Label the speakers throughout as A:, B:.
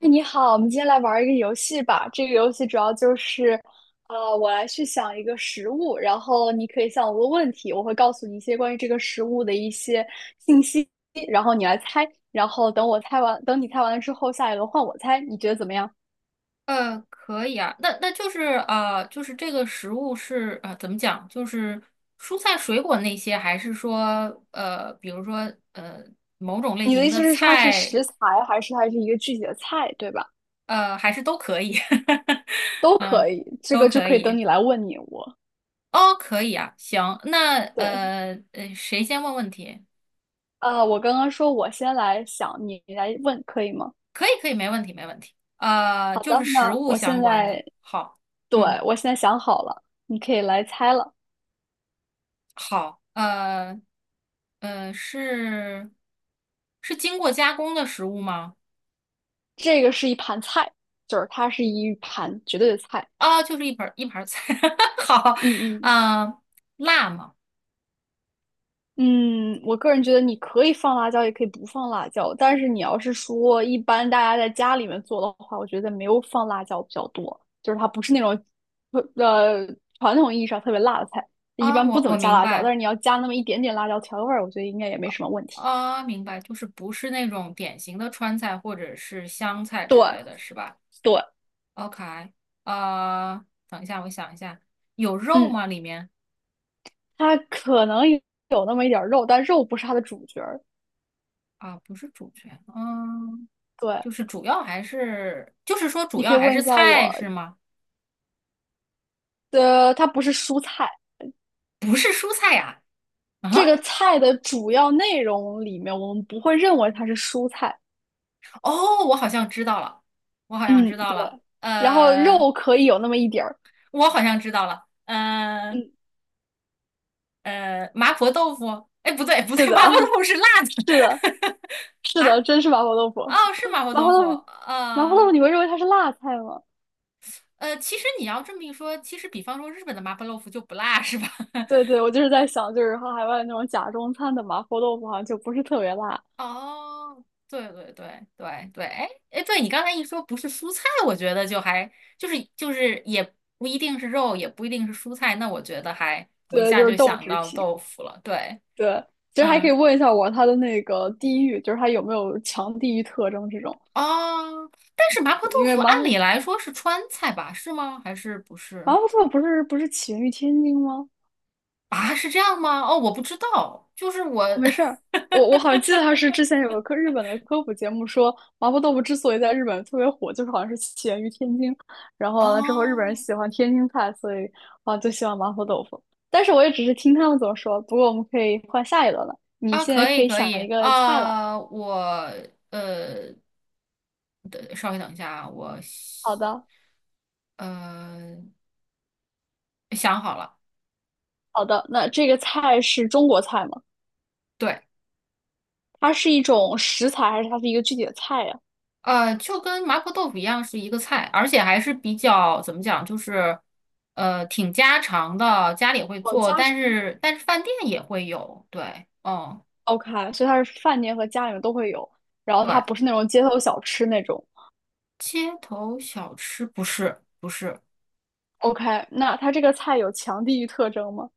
A: 哎，你好，我们今天来玩儿一个游戏吧。这个游戏主要就是，我来去想一个食物，然后你可以向我问问题，我会告诉你一些关于这个食物的一些信息，然后你来猜。然后等我猜完，等你猜完了之后，下一轮换我猜，你觉得怎么样？
B: 可以啊，那就是就是这个食物是怎么讲？就是蔬菜水果那些，还是说比如说呃，某种类
A: 你的
B: 型
A: 意
B: 的
A: 思是它是
B: 菜，
A: 食材，还是它是一个具体的菜，对吧？
B: 还是都可以，
A: 都可
B: 嗯，
A: 以，这
B: 都
A: 个就
B: 可
A: 可以等
B: 以。
A: 你来问你我。
B: 哦，可以啊，行，那
A: 对，
B: 谁先问问题？
A: 我刚刚说我先来想，你来问可以吗？
B: 可以，可以，没问题，没问题。
A: 好
B: 就
A: 的，
B: 是食
A: 那
B: 物
A: 我现
B: 相关的，
A: 在
B: 好，
A: 对，
B: 嗯。
A: 我现在想好了，你可以来猜了。
B: 好，是是经过加工的食物吗？
A: 这个是一盘菜，就是它是一盘绝对的菜。
B: 啊，就是一盘儿菜。好，
A: 嗯嗯
B: 嗯、辣吗？
A: 嗯，我个人觉得你可以放辣椒，也可以不放辣椒。但是你要是说一般大家在家里面做的话，我觉得没有放辣椒比较多，就是它不是那种呃传统意义上特别辣的菜，一
B: 啊，
A: 般不怎么
B: 我
A: 加
B: 明
A: 辣椒。但
B: 白，
A: 是你要加那么一点点辣椒调个味儿，我觉得应该也没什么问题。
B: 啊，明白，就是不是那种典型的川菜或者是湘菜
A: 对
B: 之类的是吧
A: 对，
B: ？OK,等一下，我想一下，有肉
A: 嗯，
B: 吗？里面
A: 它可能有那么一点儿肉，但肉不是它的主角儿。
B: 啊，不是主角，嗯，
A: 对。
B: 就是主要还是，就是说
A: 你
B: 主
A: 可
B: 要
A: 以
B: 还
A: 问
B: 是
A: 一下
B: 菜
A: 我
B: 是吗？
A: 的，它不是蔬菜。
B: 不是蔬菜
A: 这个
B: 啊？
A: 菜的主要内容里面，我们不会认为它是蔬菜。
B: 哦，我好像知道了，我好像
A: 嗯，
B: 知道
A: 对，
B: 了，
A: 然后肉可以有那么一点儿。
B: 我好像知道了，
A: 嗯，
B: 麻婆豆腐，哎，不对不对，
A: 是 的，
B: 麻婆豆腐是辣的
A: 是的，是
B: 啊，
A: 的，真是麻婆豆腐。
B: 哦，是麻婆
A: 麻婆
B: 豆腐，
A: 豆腐，你会认为它是辣菜吗？
B: 其实你要这么一说，其实比方说日本的麻婆豆腐就不辣是吧？
A: 对对，我就是在想，就是和海外那种假中餐的麻婆豆腐好像就不是特别辣。
B: 哦，对对对对对，哎哎，对你刚才一说不是蔬菜，我觉得就是也不一定是肉，也不一定是蔬菜，那我觉得我一
A: 对，
B: 下
A: 就是
B: 就
A: 豆
B: 想
A: 制
B: 到
A: 品。
B: 豆腐了，对。
A: 对，其实还可以
B: 嗯，
A: 问一下我它的那个地域，就是它有没有强地域特征这种。
B: 哦，但是麻婆
A: 对，
B: 豆
A: 因为
B: 腐按理来说是川菜吧？是吗？还是不
A: 麻
B: 是？
A: 婆豆腐不是起源于天津吗？
B: 啊，是这样吗？哦，我不知道，就是我，
A: 哦没事儿，
B: 哈哈
A: 我好像记得它是
B: 哈
A: 之前有个科日本的科普节目说，麻婆豆腐之所以在日本特别火，就是好像是起源于天津，然后完了之后日本人
B: 哦，
A: 喜欢天津菜，所以啊就喜欢麻婆豆腐。但是我也只是听他们怎么说，不过我们可以换下一轮了。你
B: 啊，
A: 现在
B: 可
A: 可
B: 以
A: 以
B: 可
A: 想一
B: 以，
A: 个菜了。
B: 啊，呃，等稍微等一下啊，
A: 好的，
B: 呃想好了，
A: 好的，那这个菜是中国菜吗？
B: 对。
A: 它是一种食材还是它是一个具体的菜呀？
B: 就跟麻婆豆腐一样是一个菜，而且还是比较怎么讲，就是挺家常的，家里会
A: 哦，
B: 做，
A: 家常，
B: 但是饭店也会有，对，嗯，
A: OK，所以它是饭店和家里面都会有，然后它
B: 对，
A: 不是那种街头小吃那种。
B: 街头小吃不是，
A: OK，那它这个菜有强地域特征吗？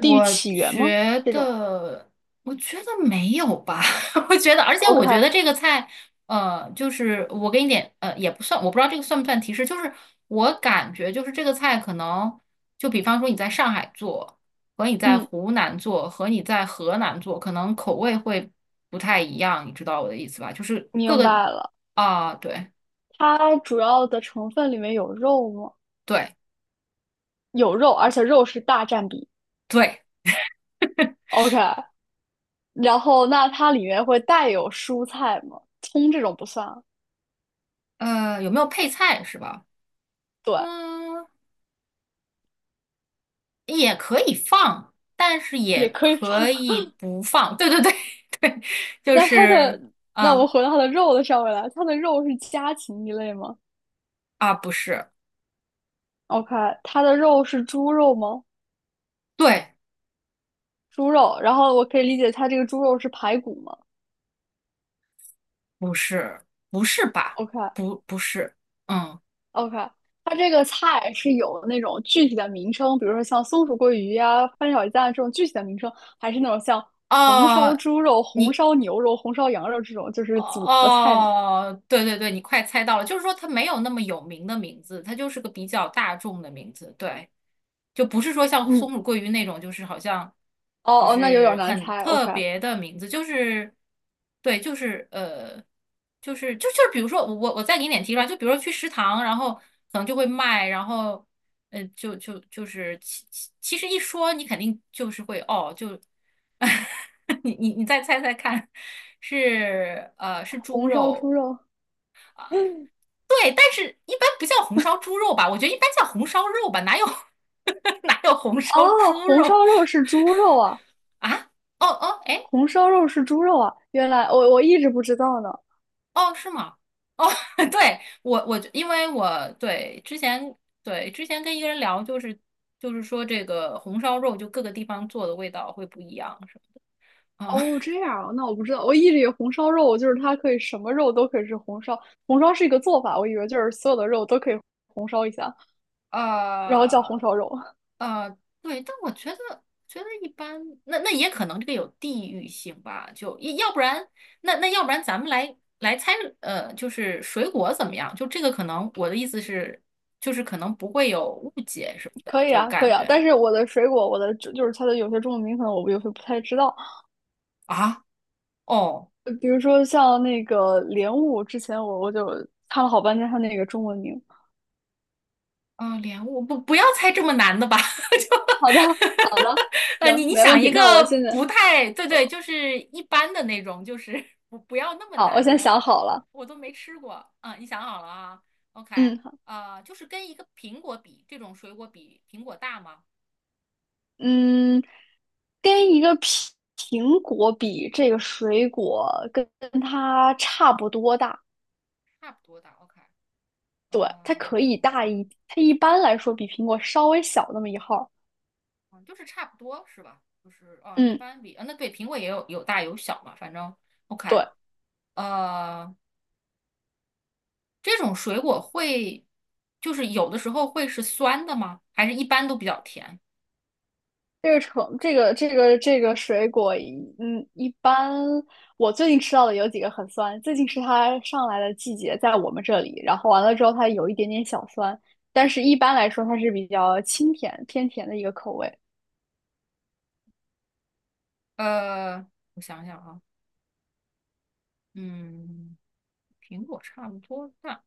B: 我觉
A: 这种
B: 得，我觉得没有吧。我觉得，而且我
A: OK，
B: 觉得这个菜，就是我给你点，也不算，我不知道这个算不算提示，就是我感觉就是这个菜可能，就比方说你在上海做，和你在
A: 嗯，
B: 湖南做，和你在河南做，可能口味会不太一样，你知道我的意思吧？就是各
A: 明
B: 个
A: 白了。
B: 啊，对
A: 它主要的成分里面有肉吗？
B: 对
A: 有肉，而且肉是大占比。
B: 对，
A: OK，然后那它里面会带有蔬菜吗？葱这种不算啊
B: 有没有配菜是吧？
A: 对，
B: 嗯，也可以放，但是也
A: 也可以放。
B: 可以不放。对对对 对，就
A: 那它的，
B: 是
A: 那我们
B: 嗯
A: 回到它的肉的上面来，它的肉是家禽一类吗
B: 啊，不是，
A: ？OK，它的肉是猪肉吗？
B: 对，
A: 猪肉，然后我可以理解它这个猪肉是排骨吗
B: 不是，不是吧？
A: ？OK
B: 不不是，嗯
A: OK，它这个菜是有那种具体的名称，比如说像松鼠桂鱼呀、翻炒鸡蛋这种具体的名称，还是那种像红烧
B: 哦，
A: 猪肉、红
B: 你
A: 烧牛肉、红烧羊肉这种就是组合菜呢？
B: 哦，对对对，你快猜到了，就是说它没有那么有名的名字，它就是个比较大众的名字。对，就不是说像松
A: 嗯，
B: 鼠桂鱼那种，就是好像就
A: 哦哦，那有点
B: 是
A: 难
B: 很
A: 猜。
B: 特
A: OK，
B: 别的名字，就是对，就是就是比如说我再给你点提出来，就比如说去食堂，然后可能就会卖，然后其实一说你肯定就是会哦，就 你再猜猜看，是是猪
A: 红烧猪
B: 肉，
A: 肉，
B: 对，但是一般不叫红烧猪肉吧？我觉得一般叫红烧肉吧，哪有 哪有红烧
A: 哦，
B: 猪
A: 红
B: 肉
A: 烧肉是猪肉啊，
B: 啊？哦哦，哎，
A: 红烧肉是猪肉啊，原来我一直不知道呢。
B: 哦是吗？哦，对，我因为我对之前对之前跟一个人聊，就是就是说这个红烧肉就各个地方做的味道会不一样，是吗？啊
A: 哦，这样啊，那我不知道，我一直以为红烧肉就是它可以什么肉都可以是红烧，红烧是一个做法，我以为就是所有的肉都可以红烧一下，然后叫红
B: 呃，
A: 烧肉，
B: 呃，对，但我觉得一般，那也可能这个有地域性吧，就要不然那要不然咱们来猜，就是水果怎么样？就这个可能我的意思是，就是可能不会有误解什么 的，
A: 可以
B: 就
A: 啊，可
B: 感
A: 以啊。
B: 觉
A: 但是我的水果，我的就是它的有些中文名可能我有些不太知道，
B: 啊，哦，
A: 比如说像那个莲雾，之前我就看了好半天它那个中文名。
B: 莲雾，不不要猜这么难的吧，
A: 好的，
B: 就
A: 好的，行，没问
B: 想一
A: 题。
B: 个
A: 那我现在，
B: 不太对，就是一般的那种，就是 不不要那么
A: 好，我
B: 难，
A: 先
B: 莲
A: 想好了，
B: 我都没吃过。啊，你想好了啊？OK,
A: 嗯。
B: 就是跟一个苹果比，这种水果比苹果大吗？
A: 嗯，跟一个苹果比，这个水果跟它差不多大，
B: 差不多大。OK,
A: 对，它
B: 嗯、
A: 可以大
B: 嗯
A: 一，它一般来说比苹果稍微小那么一号儿
B: 就是差不多是吧？就是啊，一
A: 嗯，
B: 般比啊，那对，苹果也有大有小嘛，反正 OK,
A: 对，
B: 呃，这种水果会就是有的时候会是酸的吗？还是一般都比较甜？
A: 这个橙，这个水果一嗯，一般我最近吃到的有几个很酸，最近是它上来的季节，在我们这里，然后完了之后它有一点点小酸，但是一般来说它是比较清甜偏甜的一个口味，
B: 呃，我想想啊，嗯，苹果差不多大，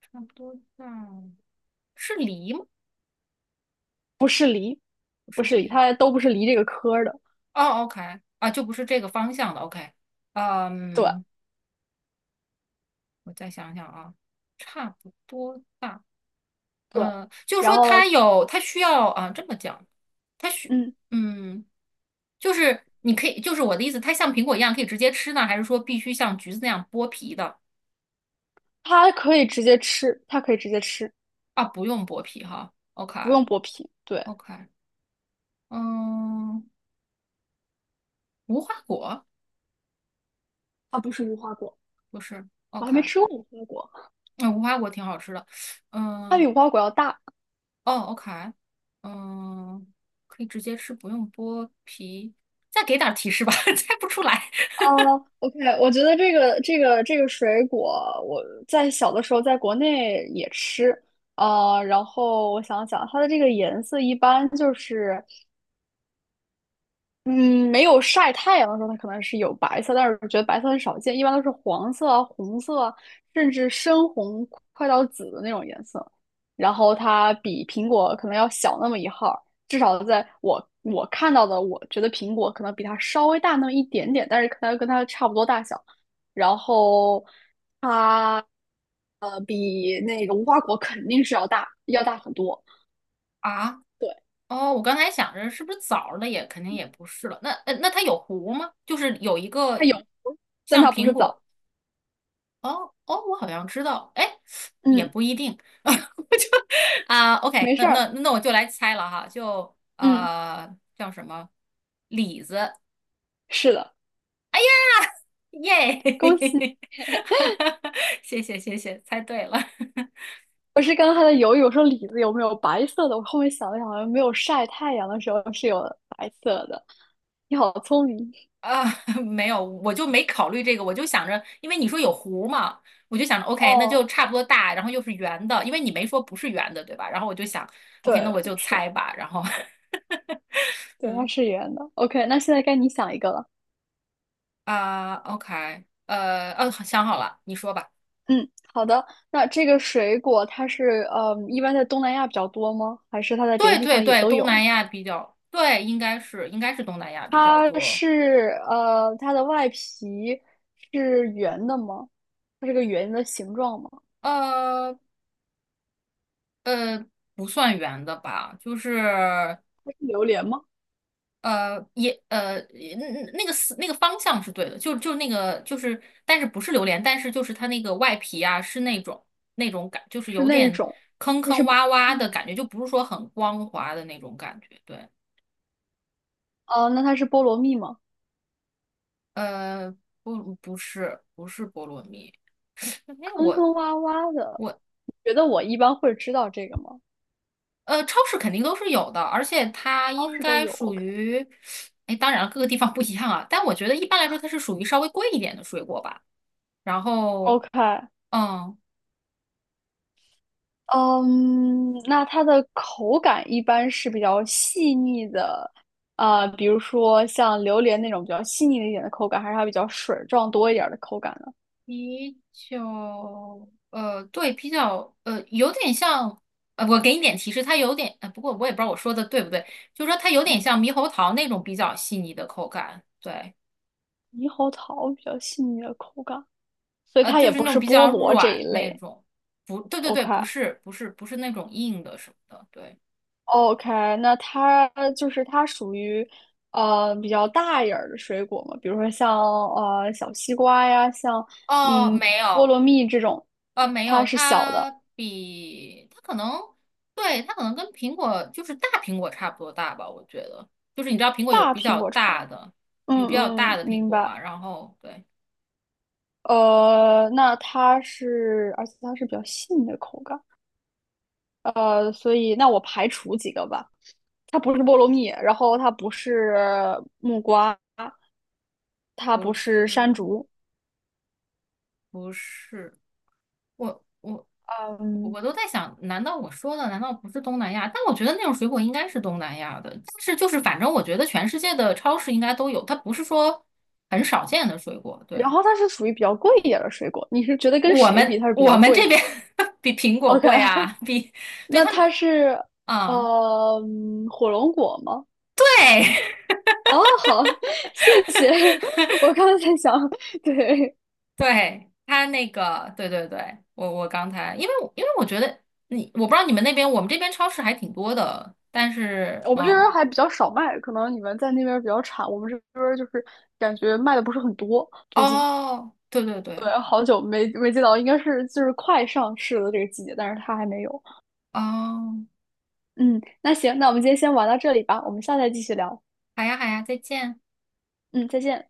B: 差不多大，是梨吗？不
A: 不
B: 是
A: 是梨，
B: 梨。
A: 它都不是梨这个科儿的。
B: 哦，OK,啊，就不是这个方向的。OK,
A: 对，
B: 嗯，我再想想啊，差不多大。
A: 对，
B: 嗯，就是
A: 然
B: 说
A: 后
B: 它有，它需要啊，这么讲，它需，
A: 嗯，
B: 嗯，就是你可以，就是我的意思，它像苹果一样可以直接吃呢，还是说必须像橘子那样剥皮的？
A: 它可以直接吃，它可以直接吃，
B: 啊，不用剥皮哈。
A: 不
B: OK，OK，
A: 用剥皮。对，
B: 嗯，无花果
A: 它不是无花果，
B: 不是
A: 我还没
B: ？OK,
A: 吃过无花果，
B: 那无花果挺好吃的。
A: 它比
B: 嗯。
A: 无花果要大。
B: 哦，OK,嗯，可以直接吃，不用剥皮。再给点儿提示吧，猜不出来
A: 哦，OK，我觉得这个水果，我在小的时候在国内也吃，呃，然后我想想，它的这个颜色一般就是嗯，没有晒太阳的时候，它可能是有白色，但是我觉得白色很少见，一般都是黄色啊、红色啊，甚至深红快到紫的那种颜色。然后它比苹果可能要小那么一号儿至少在我看到的，我觉得苹果可能比它稍微大那么一点点，但是可能跟它差不多大小。然后它比那个无花果肯定是要大，要大很多。
B: 啊。
A: 对，
B: 哦，我刚才想着是不是枣儿的也肯定也不是了。那它有核吗？就是有一
A: 它
B: 个
A: 有，但
B: 像
A: 它不
B: 苹
A: 是枣。
B: 果。哦哦，我好像知道，哎，也
A: 嗯，
B: 不一定。我就啊，OK,
A: 没事儿。
B: 那我就来猜了哈，就
A: 嗯，
B: 叫什么李子
A: 是的。
B: 耶，
A: 恭喜！
B: 谢谢谢谢，猜对了。
A: 我是刚才在犹豫，我说李子有没有白色的？我后面想了想，好像没有晒太阳的时候是有白色的。你好聪明
B: 啊，没有，我就没考虑这个，我就想着，因为你说有弧嘛，我就想着，OK,那就
A: 哦，
B: 差不多大，然后又是圆的，因为你没说不是圆的，对吧？然后我就想，OK,那
A: 对，
B: 我就
A: 是，
B: 猜吧，然后，
A: 对，它
B: 嗯
A: 是圆的。OK，那现在该你想一个了。
B: 啊，OK,想好了，你说吧。
A: 嗯，好的。那这个水果它是一般在东南亚比较多吗？还是它在别的
B: 对
A: 地
B: 对
A: 方也
B: 对，
A: 都
B: 东
A: 有呢？
B: 南亚比较，对，应该是东南亚比较
A: 它
B: 多，
A: 是呃，它的外皮是圆的吗？它是个圆的形状吗？
B: 呃呃，不算圆的吧，就是。
A: 它是榴莲吗？
B: 呃，也呃，那那个思那个方向是对的，那个就是，但是不是榴莲，但是就是它那个外皮啊，是那种那种感，就是
A: 是
B: 有
A: 那
B: 点
A: 种。
B: 坑坑洼洼的
A: 嗯。
B: 感觉，就不是说很光滑的那种感觉。对，
A: 哦，那它是菠萝蜜吗？
B: 呃，不不是不是菠萝蜜，哎，
A: 坑坑
B: 我
A: 洼洼的，你觉得我一般会知道这个吗？
B: 超市肯定都是有的，而且它
A: 超
B: 应
A: 市都
B: 该
A: 有
B: 属
A: ，OK
B: 于，哎，当然了各个地方不一样啊，但我觉得一般来说它是属于稍微贵一点的水果吧，然后。
A: OK，
B: 嗯，
A: 嗯，那它的口感一般是比较细腻的，啊、比如说像榴莲那种比较细腻一点的口感，还是它比较水状多一点的口感呢？
B: 啤酒，对，比较，有点像，我给你点提示，它有点，不过我也不知道我说的对不对，就是说它有点像猕猴桃那种比较细腻的口感，对，
A: 猕猴桃比较细腻的口感，所以它也
B: 就是
A: 不
B: 那种
A: 是
B: 比
A: 菠
B: 较
A: 萝这一
B: 软那
A: 类
B: 种，不，对对
A: ，OK。
B: 对，不是，不是，不是那种硬的什么的，对，
A: OK，那它就是它属于比较大一点儿的水果嘛，比如说像小西瓜呀，像
B: 哦，
A: 嗯
B: 没
A: 菠
B: 有，
A: 萝蜜这种，
B: 没
A: 它
B: 有，
A: 是小的，
B: 它比它可能，对，它可能跟苹果就是大苹果差不多大吧，我觉得。就是你知道苹果有
A: 大
B: 比
A: 苹
B: 较
A: 果超。
B: 大的，有
A: 嗯
B: 比较大
A: 嗯，
B: 的苹
A: 明
B: 果
A: 白。
B: 嘛，然后对，
A: 那它是，而且它是比较细腻的口感。所以那我排除几个吧，它不是菠萝蜜，然后它不是木瓜，它
B: 不
A: 不是山
B: 是
A: 竹。
B: 不是，我我
A: 嗯，
B: 我都在想，难道我说的难道不是东南亚？但我觉得那种水果应该是东南亚的，但是就是反正我觉得全世界的超市应该都有，它不是说很少见的水果，
A: 然
B: 对。
A: 后它是属于比较贵一点的水果。你是觉得跟谁比它是比
B: 我
A: 较
B: 们这
A: 贵
B: 边 比苹果
A: ？OK，
B: 贵 啊，比对
A: 那
B: 他们，
A: 它是
B: 嗯，
A: 呃火龙果吗？
B: 对
A: 哦，好，谢谢。我刚才想，对，
B: 对，他那个，对对对，我刚才，因为我觉得你，我不知道你们那边，我们这边超市还挺多的，但是，
A: 我们这边儿
B: 嗯，
A: 还比较少卖，可能你们在那边儿比较产，我们这边儿就是感觉卖的不是很多。最近，
B: 哦，对对
A: 对，
B: 对，
A: 好久没见到，应该是就是快上市的这个季节，但是它还没有。
B: 哦，
A: 嗯，那行，那我们今天先玩到这里吧，我们下次再继续聊。
B: 好呀好呀，再见。
A: 嗯，再见。